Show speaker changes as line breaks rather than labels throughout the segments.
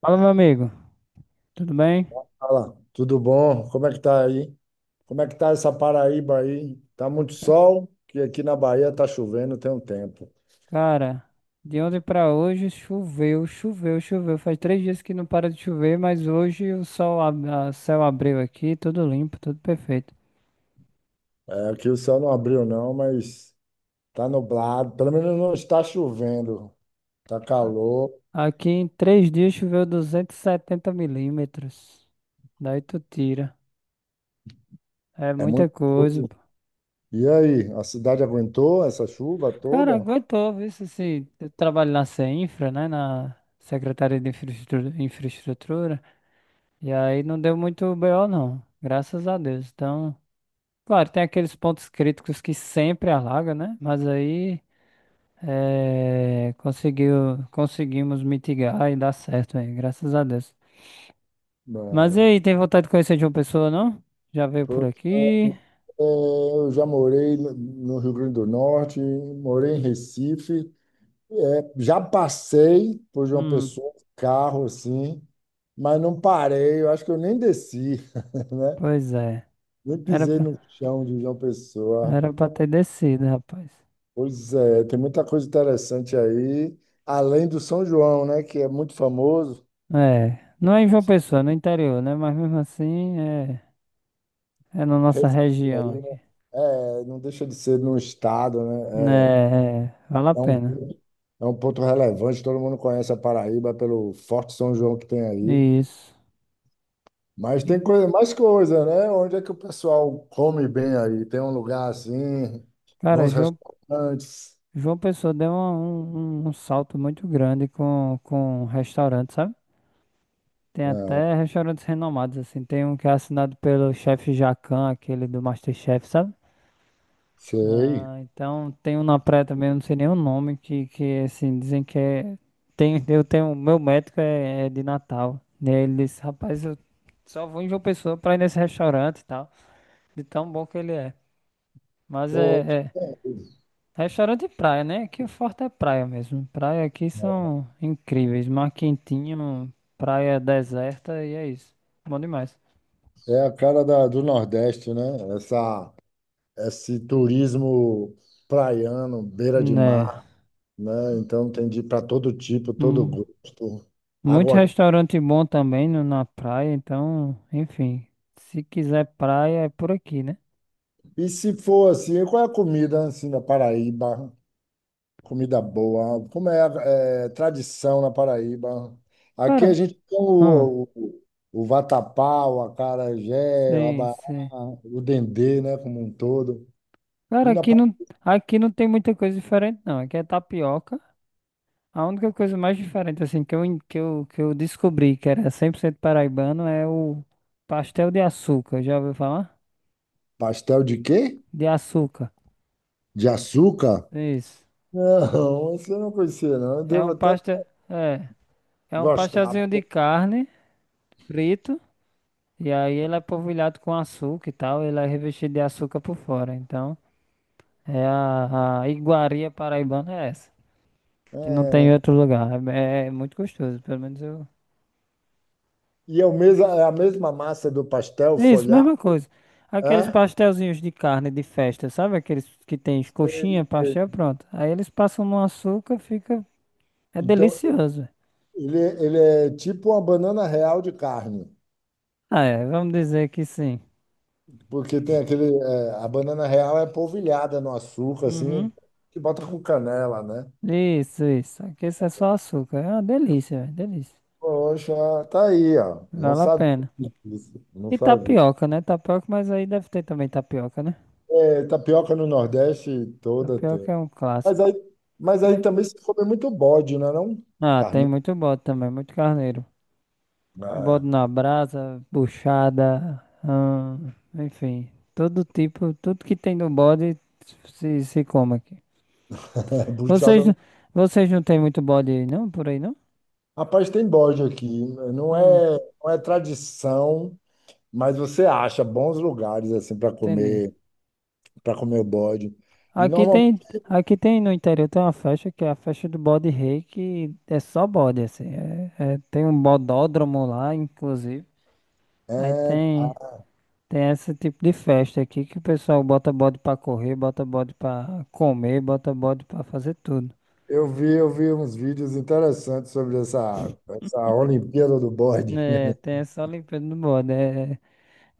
Fala, meu amigo, tudo bem?
Fala, tudo bom? Como é que tá aí? Como é que tá essa Paraíba aí? Tá muito sol, que aqui na Bahia tá chovendo tem um tempo.
Cara, de ontem pra hoje choveu, choveu, choveu. Faz três dias que não para de chover, mas hoje o sol, céu abriu aqui, tudo limpo, tudo perfeito.
É, aqui o céu não abriu não, mas tá nublado. Pelo menos não está chovendo. Tá calor,
Aqui em três dias choveu 270 milímetros. Daí tu tira. É
é
muita
muito
coisa,
coisa.
pô.
E aí, a cidade aguentou essa chuva
Cara,
toda?
aguentou, viu? Se, eu trabalho na CEINFRA, né? Na Secretaria de Infraestrutura, Infraestrutura. E aí não deu muito BO, não, graças a Deus. Então, claro, tem aqueles pontos críticos que sempre alaga, né? Mas aí conseguimos mitigar e dar certo aí, graças a Deus. Mas e
Não.
aí, tem vontade de conhecer de uma pessoa, não? Já veio por
Pô, é,
aqui?
eu já morei no Rio Grande do Norte, morei em Recife. É, já passei por João
Hum,
Pessoa, carro assim, mas não parei. Eu acho que eu nem desci, né?
pois é.
Nem
Era
pisei
pra,
no chão de João Pessoa.
era pra ter descido, rapaz.
Pois é, tem muita coisa interessante aí, além do São João, né? Que é muito famoso.
É, não é em João Pessoa, é no interior, né? Mas mesmo assim, é, é na nossa
Recife aí,
região
né?
aqui.
É, não deixa de ser no estado, né? É,
Né, é, vale a
é um,
pena.
é um ponto relevante. Todo mundo conhece a Paraíba pelo Forte São João que tem aí.
Isso.
Mas tem coisa, mais coisa, né? Onde é que o pessoal come bem aí? Tem um lugar assim,
Cara,
bons
João
restaurantes.
João Pessoa deu um salto muito grande com restaurante, sabe? Tem
É,
até restaurantes renomados, assim. Tem um que é assinado pelo chefe Jacan, aquele do MasterChef, sabe?
sei.
Ah, então tem um na praia também, eu não sei nem o nome, que assim, dizem que é. Tem, eu tenho, meu médico é, é de Natal. E aí ele disse, rapaz, eu só vou em João Pessoa pra ir nesse restaurante e tal, de tão bom que ele é. Mas
Pô,
restaurante de praia, né? Aqui o forte é praia mesmo. Praia aqui são incríveis. Mar quentinho, praia deserta e é isso. Bom demais.
é a cara do Nordeste, né? Essa, esse turismo praiano, beira de
Né?
mar, né? Então tem de para todo tipo, todo
Hum,
gosto.
muito
Água.
restaurante bom também na praia, então, enfim. Se quiser praia, é por aqui, né?
E se for assim, qual é a comida assim da Paraíba? Comida boa, como é, tradição na Paraíba. Aqui a
Cara,
gente tem
hum,
o vatapá, o acarajé, o
sim,
abará,
sim.
o dendê, né, como um todo.
Cara,
E na pa-
aqui não tem muita coisa diferente, não. Aqui é tapioca. A única coisa mais diferente, assim, que eu, en- que eu descobri que era 100% paraibano é o pastel de açúcar. Já ouviu falar?
Pastel de quê?
De açúcar.
De açúcar?
Isso.
Não, você não conhecia, não. Eu
É
devo
um
até
pastel. É. É um
gostar.
pastelzinho de
Pô.
carne frito. E aí ele é polvilhado com açúcar e tal. Ele é revestido de açúcar por fora. Então, é a iguaria paraibana é essa. Que não tem em
É,
outro lugar. É, é muito gostoso. Pelo menos eu.
é a mesma massa do pastel
Isso,
folhado,
mesma coisa. Aqueles
é?
pastelzinhos de carne de festa, sabe? Aqueles que tem coxinha,
Sei, sei.
pastel, pronto. Aí eles passam no açúcar, fica. É
Então,
delicioso, velho.
ele é tipo uma banana real de carne.
Ah, é, vamos dizer que sim.
Porque tem aquele, a banana real é polvilhada no açúcar, assim,
Uhum.
que bota com canela, né?
Isso, isso. Aqui isso é só açúcar. É uma delícia, velho, delícia.
Poxa, tá aí, ó. Não
Vale a
sabia
pena.
disso. Não
E
sabia.
tapioca, né? Tapioca, mas aí deve ter também tapioca, né?
É, tapioca no Nordeste toda tem.
Tapioca é um
Mas
clássico.
aí, mas aí
Aí-
também se come muito bode, né? Não?
ah, tem
Carne,
muito bode também, muito carneiro.
né?
Bode na brasa, buchada, enfim, todo tipo, tudo que tem no bode se come aqui.
É,
Vocês,
buchada.
vocês não tem muito bode aí, não? Por aí não?
Rapaz, tem bode aqui. Não
Hum,
é, não é tradição, mas você acha bons lugares assim para
entendi.
comer, para comer o bode. E
Aqui
normalmente.
tem, aqui tem, no interior tem uma festa que é a festa do bode rei, que é só bode, assim. Tem um bodódromo lá, inclusive. Aí
é,
tem, tem esse tipo de festa aqui que o pessoal bota bode pra correr, bota bode pra comer, bota bode pra fazer tudo.
eu vi uns vídeos interessantes sobre essa Olimpíada do Bode.
É, tem essa Olimpíada do Bode.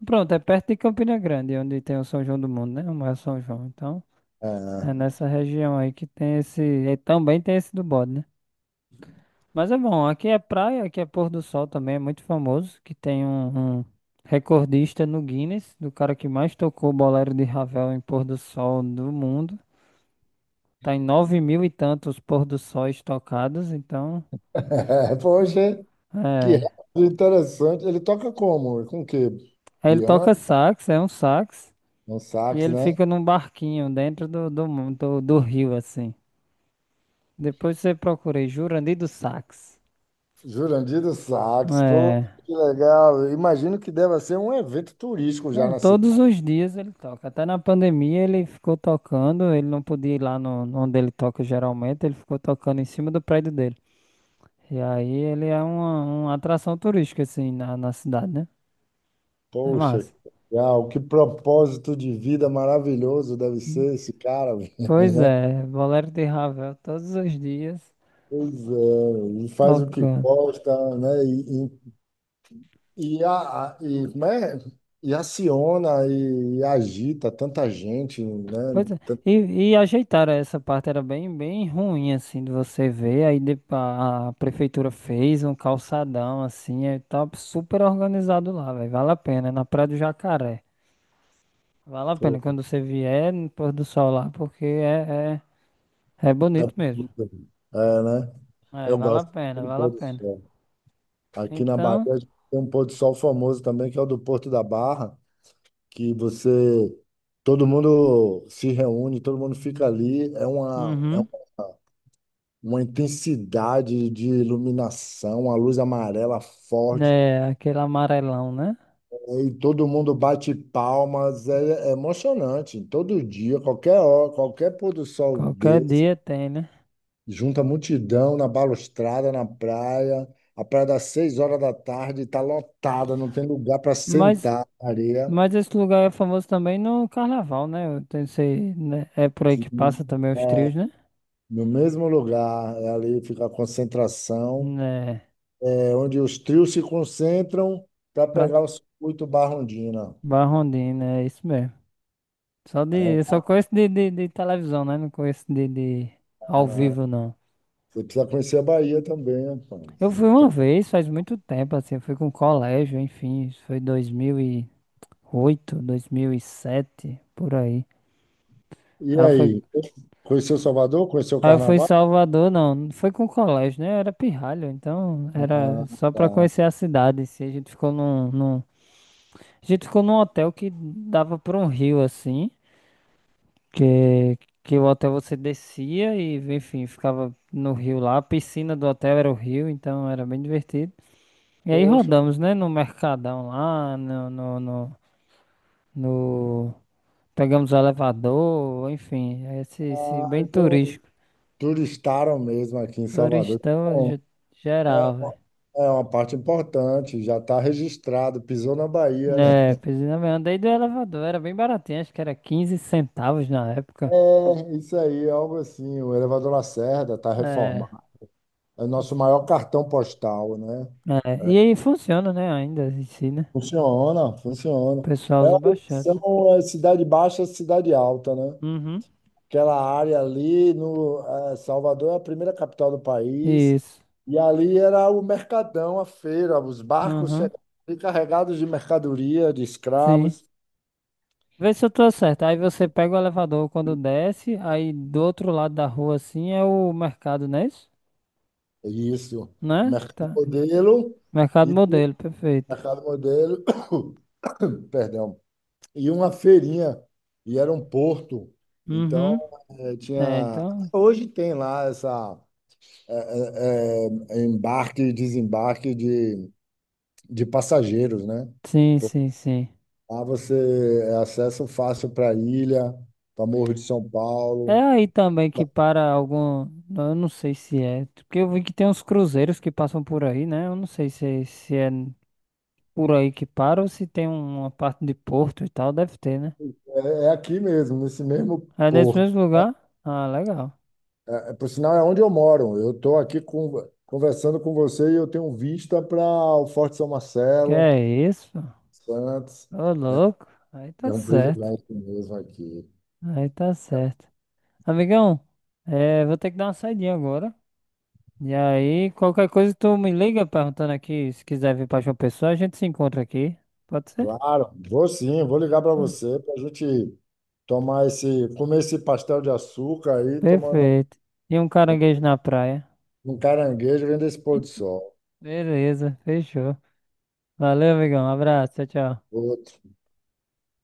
Pronto, é perto de Campina Grande, onde tem o São João do Mundo, né? O maior São João. Então, é
É.
nessa região aí que tem esse. E também tem esse do Bode, né? Mas é bom, aqui é praia, aqui é pôr do sol também, é muito famoso, que tem um recordista no Guinness, do cara que mais tocou o bolero de Ravel em pôr do sol do mundo. Tá em nove mil e tantos pôr do sóis tocados, então.
Poxa, que rádio
É.
interessante. Ele toca como? Com o quê?
Aí ele
Piano?
toca sax, é um sax.
Um
E
sax,
ele
né?
fica num barquinho dentro do rio, assim. Depois você procurei Jurandir do Sax.
Jurandir do sax. Pô,
É.
que legal. Imagino que deva ser um evento turístico já
Não,
na
todos
cidade.
os dias ele toca. Até na pandemia ele ficou tocando. Ele não podia ir lá no, onde ele toca geralmente. Ele ficou tocando em cima do prédio dele. E aí ele é uma atração turística, assim, na cidade, né? É
Poxa,
massa.
que legal. Que propósito de vida maravilhoso deve
Hum.
ser esse cara, né?
Pois é, Bolero de Ravel todos os dias
Pois é, ele faz o que
tocando.
gosta, né? E E, como é? E aciona e, agita tanta gente, né?
Pois é. E ajeitaram essa parte, era bem, bem ruim, assim, de você ver. A prefeitura fez um calçadão, assim, é, tá super organizado lá, velho. Vale a pena, é na Praia do Jacaré. Vale a pena
Tanto,
quando você vier no pôr do sol lá, porque é, é bonito mesmo.
é, né?
É,
Eu
vale a
gosto
pena,
do
vale
pôr
a
do
pena.
sol. Aqui na Bahia
Então,
a gente tem um pôr do sol famoso também, que é o do Porto da Barra, que você, todo mundo se reúne, todo mundo fica ali. É uma, é
uhum,
uma intensidade de iluminação, a luz amarela forte.
né, aquele amarelão, né?
E todo mundo bate palmas, é emocionante. Todo dia, qualquer hora, qualquer pôr do sol
Qualquer
desse,
dia tem, né?
junta multidão na balustrada, na praia. A praia das 6 horas da tarde está lotada, não tem lugar para
Mas
sentar na areia.
Mas esse lugar é famoso também no carnaval, né? Eu tenho- sei, né? É por aí
E,
que passa também os trios,
é,
né?
No mesmo lugar, é ali fica a concentração,
Né?
é onde os trios se concentram para
Pra...
pegar o circuito Barrondina.
Barrondina, é isso mesmo.
Aí,
Eu só conheço de televisão, né? Não conheço de ao vivo, não.
você precisa conhecer a Bahia também,
Eu
rapaz.
fui
Então.
uma vez, faz muito tempo, assim, eu fui com colégio, enfim, isso foi 2008, 2007, por aí.
E
Aí eu fui,
aí, conheceu Salvador? Conheceu o
aí eu fui em
Carnaval?
Salvador, não, não foi com colégio, né? Eu era pirralho, então era
Ah,
só pra
tá.
conhecer a cidade, se a gente ficou num. A gente ficou num hotel que dava para um rio assim, que, que o hotel você descia e, enfim, ficava no rio lá. A piscina do hotel era o rio, então era bem divertido. E aí
Poxa,
rodamos, né, no Mercadão lá, no- pegamos o elevador, enfim, esse
ah,
bem
então
turístico.
turistaram mesmo aqui em Salvador.
Turistão
Bom,
ge-
é,
geral, velho.
uma- é uma parte importante, já está registrado, pisou na Bahia, né?
É, pois é, eu andei do elevador, era bem baratinho, acho que era 15 centavos na época.
É, isso aí, é algo assim. O Elevador Lacerda está
É.
reformado. É o nosso maior cartão postal, né?
É, e aí funciona, né? Ainda em si, né?
Funciona,
O
funciona.
pessoal
É
usa
uma
bastante, né?
opção, é cidade baixa, cidade alta, né?
Uhum.
Aquela área ali, no eh, Salvador é a primeira capital do país
Isso.
e ali era o mercadão, a feira, os barcos
Uhum.
chegavam ali carregados de mercadoria, de
Sim.
escravos,
Vê se eu tô certo. Aí você pega o elevador quando desce, aí do outro lado da rua, assim, é o mercado, não é isso?
isso, o
Né?
mercado
Tá.
modelo
Mercado
e o
modelo, perfeito.
mercado modelo, perdão, e uma feirinha e era um porto, então
Uhum.
eh,
É,
tinha
então.
hoje tem lá essa embarque e desembarque de passageiros, né?
Sim, sim, sim.
Lá você é acesso fácil para a ilha, para Morro de São
É
Paulo.
aí também que para algum. Eu não sei se é. Porque eu vi que tem uns cruzeiros que passam por aí, né? Eu não sei se é por aí que para ou se tem uma parte de Porto e tal, deve ter, né?
É, é aqui mesmo, nesse mesmo
É nesse
porto.
mesmo lugar? Ah, legal.
É, por sinal, é onde eu moro. Eu estou aqui conversando com você e eu tenho vista para o Forte São
Que
Marcelo,
é isso?
Santos.
Pô? Ô,
É,
louco. Aí tá
é um
certo.
privilégio mesmo aqui.
Aí tá certo. Amigão, é, vou ter que dar uma saidinha agora. E aí, qualquer coisa tu me liga perguntando aqui, se quiser vir pra João Pessoa, a gente se encontra aqui. Pode ser?
Claro, vou sim, vou ligar para
Oxe.
você para a gente comer esse pastel de açúcar aí, tomando
Perfeito. E um caranguejo na praia.
um caranguejo, vendo esse pôr do sol.
Beleza, fechou. Valeu, amigão. Um abraço, tchau, tchau.
Outro.